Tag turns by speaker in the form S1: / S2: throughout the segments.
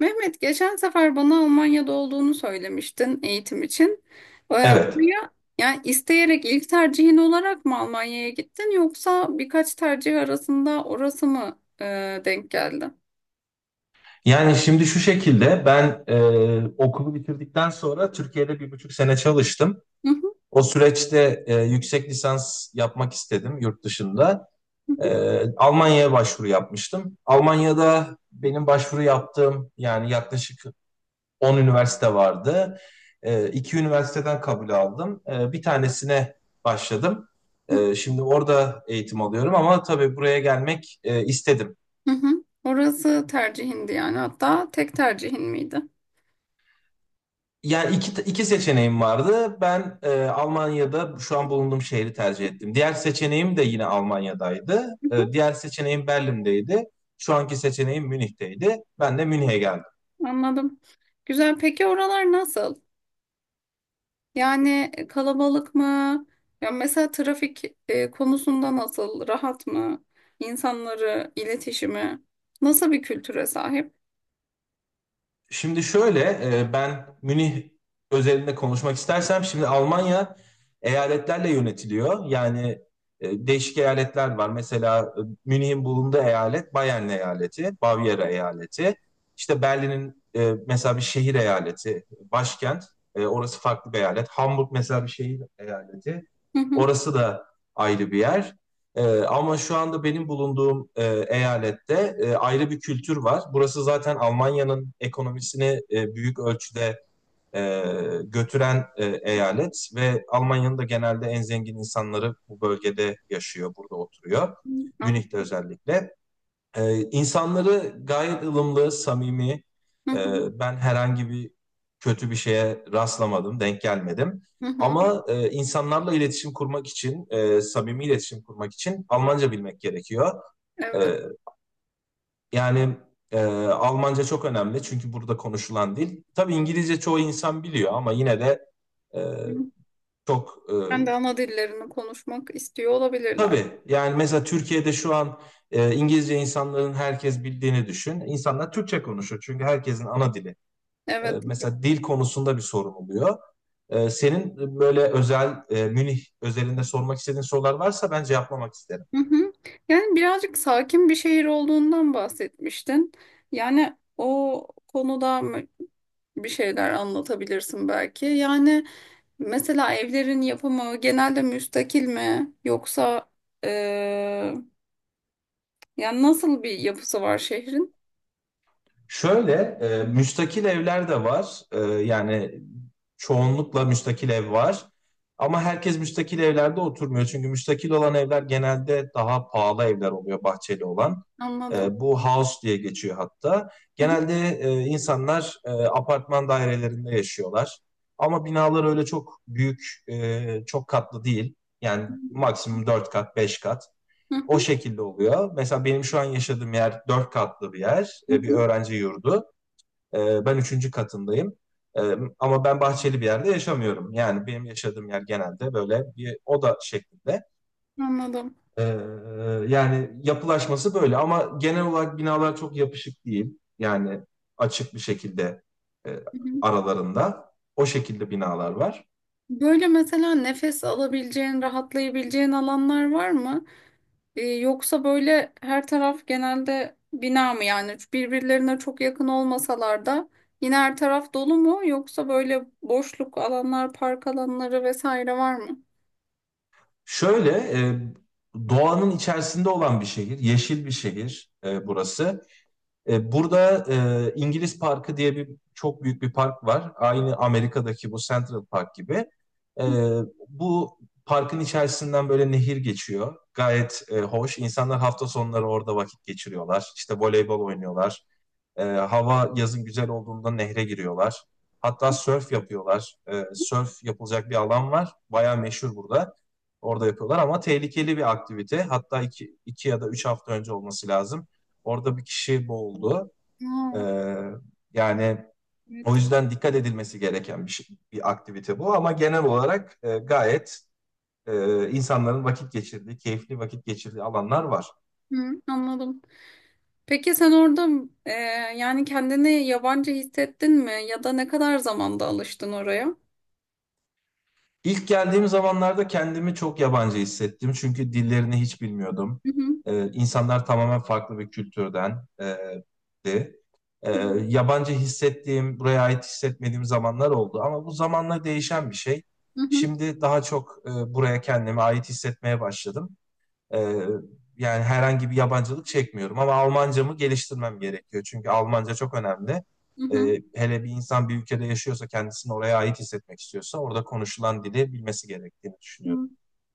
S1: Mehmet, geçen sefer bana Almanya'da olduğunu söylemiştin eğitim için.
S2: Evet.
S1: Oraya yani isteyerek ilk tercihin olarak mı Almanya'ya gittin, yoksa birkaç tercih arasında orası mı denk geldi?
S2: Yani şimdi şu şekilde ben okulu bitirdikten sonra Türkiye'de 1,5 sene çalıştım.
S1: Hı hı,
S2: O süreçte yüksek lisans yapmak istedim yurt dışında.
S1: hı
S2: Almanya'ya başvuru yapmıştım. Almanya'da benim başvuru yaptığım yani yaklaşık 10 üniversite vardı. E, iki üniversiteden kabul aldım. Bir tanesine başladım.
S1: hı,
S2: Şimdi orada eğitim alıyorum ama tabii buraya gelmek istedim.
S1: hı hı. Orası tercihindi yani, hatta tek tercihin miydi?
S2: Yani iki seçeneğim vardı. Ben Almanya'da şu an bulunduğum şehri tercih ettim. Diğer seçeneğim de yine Almanya'daydı.
S1: Hı
S2: Diğer seçeneğim Berlin'deydi. Şu anki seçeneğim Münih'teydi. Ben de Münih'e geldim.
S1: hı. Anladım. Güzel. Peki oralar nasıl? Yani kalabalık mı? Ya mesela trafik konusunda nasıl? Rahat mı? İnsanları, iletişimi nasıl bir kültüre sahip?
S2: Şimdi şöyle, ben Münih özelinde konuşmak istersem şimdi Almanya eyaletlerle yönetiliyor. Yani değişik eyaletler var. Mesela Münih'in bulunduğu eyalet Bayern eyaleti, Bavyera eyaleti. İşte Berlin'in mesela bir şehir eyaleti, başkent. Orası farklı bir eyalet. Hamburg mesela bir şehir eyaleti.
S1: Hı hı.
S2: Orası da ayrı bir yer. Ama şu anda benim bulunduğum eyalette ayrı bir kültür var. Burası zaten Almanya'nın ekonomisini büyük ölçüde e, götüren eyalet ve Almanya'nın da genelde en zengin insanları bu bölgede yaşıyor, burada oturuyor.
S1: An-
S2: Münih'te özellikle. İnsanları gayet ılımlı, samimi.
S1: Hı hı.
S2: Ben herhangi bir kötü bir şeye rastlamadım, denk gelmedim.
S1: Hı hı.
S2: Ama insanlarla iletişim kurmak için, samimi iletişim kurmak için Almanca bilmek gerekiyor.
S1: Evet.
S2: Ee, yani Almanca çok önemli çünkü burada konuşulan dil. Tabii İngilizce çoğu insan biliyor ama yine de e, çok.
S1: Ben de ana dillerini konuşmak istiyor olabilirler.
S2: Tabii. Yani mesela Türkiye'de şu an İngilizce insanların herkes bildiğini düşün. İnsanlar Türkçe konuşuyor çünkü herkesin ana dili. E,
S1: Evet.
S2: mesela dil konusunda bir sorun oluyor. Senin böyle özel, Münih özelinde sormak istediğin sorular varsa ben cevaplamak isterim.
S1: Hı hı. Yani birazcık sakin bir şehir olduğundan bahsetmiştin. Yani o konuda bir şeyler anlatabilirsin belki. Yani mesela evlerin yapımı genelde müstakil mi, yoksa e, yani nasıl bir yapısı var şehrin?
S2: Şöyle, müstakil evler de var. Yani çoğunlukla müstakil ev var. Ama herkes müstakil evlerde oturmuyor. Çünkü müstakil olan evler genelde daha pahalı evler oluyor bahçeli olan.
S1: Anladım.
S2: Bu house diye geçiyor hatta.
S1: Hı
S2: Genelde insanlar apartman dairelerinde yaşıyorlar. Ama binalar öyle çok büyük, çok katlı değil. Yani maksimum 4 kat, 5 kat. O
S1: hı,
S2: şekilde oluyor. Mesela benim şu an yaşadığım yer dört katlı bir yer,
S1: hı
S2: bir
S1: hı.
S2: öğrenci yurdu. Ben üçüncü katındayım. E, ama ben bahçeli bir yerde yaşamıyorum. Yani benim yaşadığım yer genelde böyle bir oda şeklinde.
S1: Anladım.
S2: Ee, yani yapılaşması böyle ama genel olarak binalar çok yapışık değil. Yani açık bir şekilde e,
S1: Hı hı.
S2: aralarında o şekilde binalar var.
S1: Böyle mesela nefes alabileceğin, rahatlayabileceğin alanlar var mı? Yoksa böyle her taraf genelde bina mı, yani birbirlerine çok yakın olmasalar da yine her taraf dolu mu, yoksa böyle boşluk alanlar, park alanları vesaire var mı?
S2: Şöyle, e, doğanın içerisinde olan bir şehir, yeşil bir şehir burası. Burada İngiliz Parkı diye bir çok büyük bir park var. Aynı Amerika'daki bu Central Park gibi. E, bu parkın içerisinden böyle nehir geçiyor. Gayet hoş. İnsanlar hafta sonları orada vakit geçiriyorlar. İşte voleybol oynuyorlar. Hava yazın güzel olduğunda nehre giriyorlar. Hatta sörf yapıyorlar. Sörf yapılacak bir alan var. Bayağı meşhur burada. Orada yapıyorlar ama tehlikeli bir aktivite. Hatta iki, iki ya da üç hafta önce olması lazım. Orada bir kişi boğuldu. Ee,
S1: Aa,
S2: yani
S1: evet.
S2: o yüzden dikkat edilmesi gereken bir aktivite bu. Ama genel olarak gayet insanların vakit geçirdiği, keyifli vakit geçirdiği alanlar var.
S1: Hı, anladım. Peki sen orada e, yani kendini yabancı hissettin mi, ya da ne kadar zamanda alıştın oraya?
S2: İlk geldiğim zamanlarda kendimi çok yabancı hissettim. Çünkü dillerini hiç bilmiyordum.
S1: Hı hı,
S2: İnsanlar tamamen farklı bir kültürden di. Ee,
S1: hı hı,
S2: yabancı hissettiğim, buraya ait hissetmediğim zamanlar oldu. Ama bu zamanla değişen bir şey.
S1: hı hı.
S2: Şimdi daha çok buraya kendimi ait hissetmeye başladım. Ee, yani herhangi bir yabancılık çekmiyorum ama Almancamı geliştirmem gerekiyor. Çünkü Almanca çok önemli. Hele bir insan bir ülkede yaşıyorsa kendisini oraya ait hissetmek istiyorsa orada konuşulan dili bilmesi gerektiğini düşünüyorum.
S1: Hı.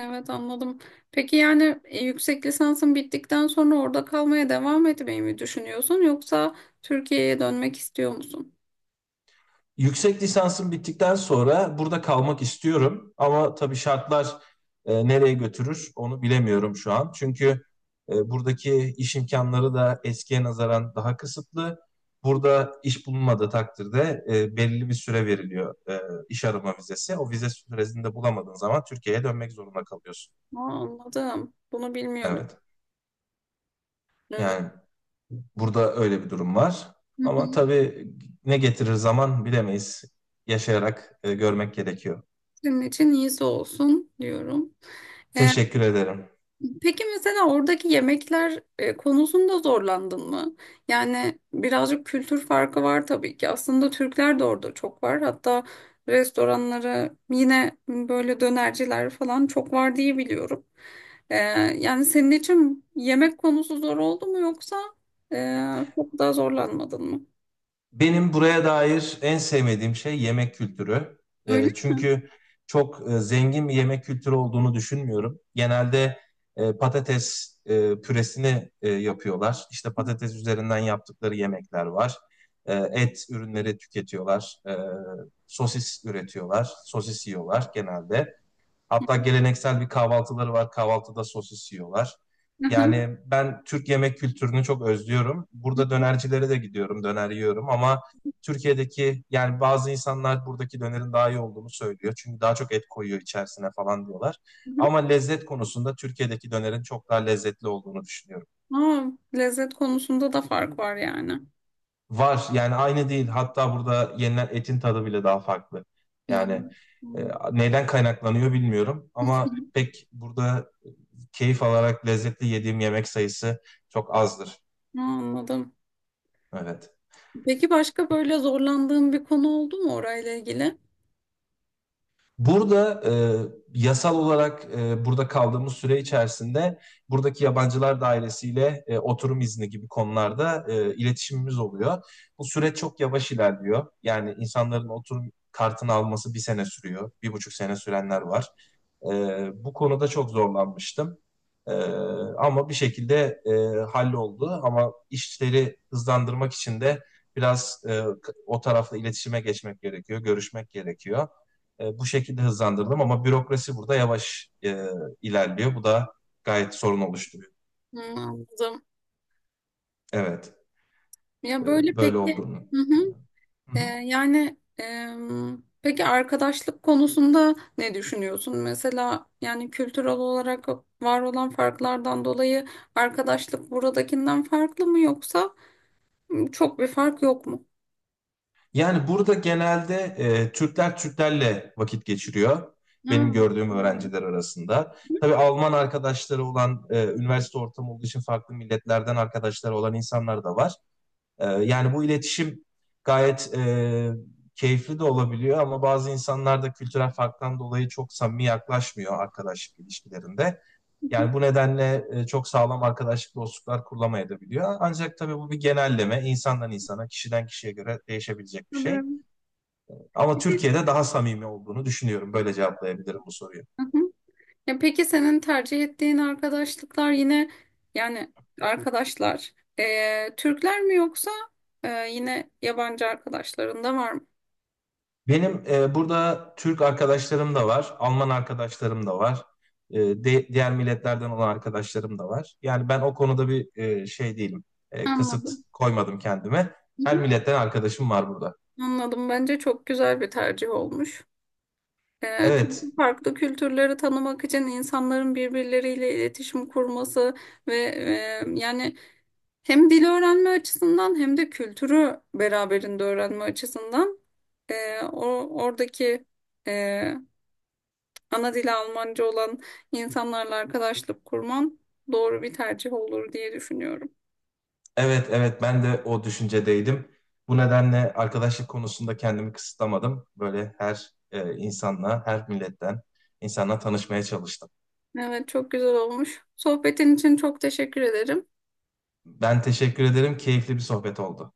S1: Evet, anladım. Peki yani yüksek lisansın bittikten sonra orada kalmaya devam etmeyi mi düşünüyorsun, yoksa Türkiye'ye dönmek istiyor musun?
S2: Yüksek lisansım bittikten sonra burada kalmak istiyorum ama tabii şartlar nereye götürür onu bilemiyorum şu an. Çünkü buradaki iş imkanları da eskiye nazaran daha kısıtlı. Burada iş bulunmadığı takdirde belirli bir süre veriliyor, iş arama vizesi. O vize süresini de bulamadığın zaman Türkiye'ye dönmek zorunda kalıyorsun.
S1: Aa, anladım. Bunu bilmiyordum.
S2: Evet.
S1: Evet.
S2: Yani burada öyle bir durum var.
S1: Hı
S2: Ama
S1: hı.
S2: tabii ne getirir zaman bilemeyiz. Yaşayarak görmek gerekiyor.
S1: Senin için iyisi olsun diyorum. Ee,
S2: Teşekkür ederim.
S1: Peki mesela oradaki yemekler konusunda zorlandın mı? Yani birazcık kültür farkı var tabii ki. Aslında Türkler de orada çok var. Hatta restoranları, yine böyle dönerciler falan çok var diye biliyorum. E, Yani senin için yemek konusu zor oldu mu, yoksa çok daha zorlanmadın mı?
S2: Benim buraya dair en sevmediğim şey yemek kültürü.
S1: Öyle
S2: E,
S1: mi?
S2: çünkü çok zengin bir yemek kültürü olduğunu düşünmüyorum. Genelde patates püresini yapıyorlar. İşte patates üzerinden yaptıkları yemekler var. Et ürünleri tüketiyorlar. Sosis üretiyorlar. Sosis yiyorlar genelde. Hatta geleneksel bir kahvaltıları var. Kahvaltıda sosis yiyorlar.
S1: Hı hı.
S2: Yani ben Türk yemek kültürünü çok özlüyorum.
S1: Hı hı.
S2: Burada dönercilere de gidiyorum, döner yiyorum ama Türkiye'deki yani bazı insanlar buradaki dönerin daha iyi olduğunu söylüyor. Çünkü daha çok et koyuyor içerisine falan diyorlar.
S1: Hı hı.
S2: Ama lezzet konusunda Türkiye'deki dönerin çok daha lezzetli olduğunu düşünüyorum.
S1: Aa, lezzet konusunda da fark var yani.
S2: Var yani aynı değil. Hatta burada yenilen etin tadı bile daha farklı.
S1: Hı.
S2: Yani
S1: Hı.
S2: neyden kaynaklanıyor bilmiyorum ama pek burada keyif alarak lezzetli yediğim yemek sayısı çok azdır.
S1: Aa, anladım.
S2: Evet.
S1: Peki başka böyle zorlandığın bir konu oldu mu orayla ilgili?
S2: Burada yasal olarak burada kaldığımız süre içerisinde buradaki yabancılar dairesiyle oturum izni gibi konularda iletişimimiz oluyor. Bu süreç çok yavaş ilerliyor. Yani insanların oturum kartını alması bir sene sürüyor, 1,5 sene sürenler var. Bu konuda çok zorlanmıştım. E, ama bir şekilde halloldu. Ama işleri hızlandırmak için de biraz o tarafla iletişime geçmek gerekiyor, görüşmek gerekiyor. Bu şekilde hızlandırdım ama bürokrasi burada yavaş ilerliyor. Bu da gayet sorun oluşturuyor.
S1: Hı, anladım.
S2: Evet,
S1: Ya böyle
S2: böyle
S1: peki,
S2: olduğunu.
S1: hı hı.
S2: Hı hı.
S1: Peki arkadaşlık konusunda ne düşünüyorsun? Mesela yani kültürel olarak var olan farklardan dolayı arkadaşlık buradakinden farklı mı, yoksa çok bir fark yok mu?
S2: Yani burada genelde Türkler Türklerle vakit geçiriyor.
S1: Ha,
S2: Benim gördüğüm öğrenciler arasında. Tabii Alman arkadaşları olan, üniversite ortamı olduğu için farklı milletlerden arkadaşları olan insanlar da var. Yani bu iletişim gayet keyifli de olabiliyor ama bazı insanlar da kültürel farktan dolayı çok samimi yaklaşmıyor arkadaşlık ilişkilerinde. Yani bu nedenle çok sağlam arkadaşlık dostluklar kurulamayabiliyor. Ancak tabii bu bir genelleme, insandan insana, kişiden kişiye göre değişebilecek bir şey.
S1: tabii.
S2: Ama
S1: Peki.
S2: Türkiye'de daha samimi olduğunu düşünüyorum. Böyle cevaplayabilirim bu soruyu.
S1: Hı hı. Ya peki senin tercih ettiğin arkadaşlıklar yine yani arkadaşlar Türkler mi, yoksa yine yabancı arkadaşların da var mı?
S2: Benim burada Türk arkadaşlarım da var, Alman arkadaşlarım da var, diğer milletlerden olan arkadaşlarım da var. Yani ben o konuda bir şey değilim, kısıt
S1: Anladım.
S2: koymadım kendime.
S1: Hı
S2: Her
S1: hı.
S2: milletten arkadaşım var burada.
S1: Anladım. Bence çok güzel bir tercih olmuş.
S2: Evet,
S1: Çünkü farklı kültürleri tanımak için insanların birbirleriyle iletişim kurması ve yani hem dil öğrenme açısından, hem de kültürü beraberinde öğrenme açısından o oradaki ana dili Almanca olan insanlarla arkadaşlık kurman doğru bir tercih olur diye düşünüyorum.
S2: evet, evet ben de o düşüncedeydim. Bu nedenle arkadaşlık konusunda kendimi kısıtlamadım. Böyle her insanla, her milletten insanla tanışmaya çalıştım.
S1: Evet, çok güzel olmuş. Sohbetin için çok teşekkür ederim.
S2: Ben teşekkür ederim, keyifli bir sohbet oldu.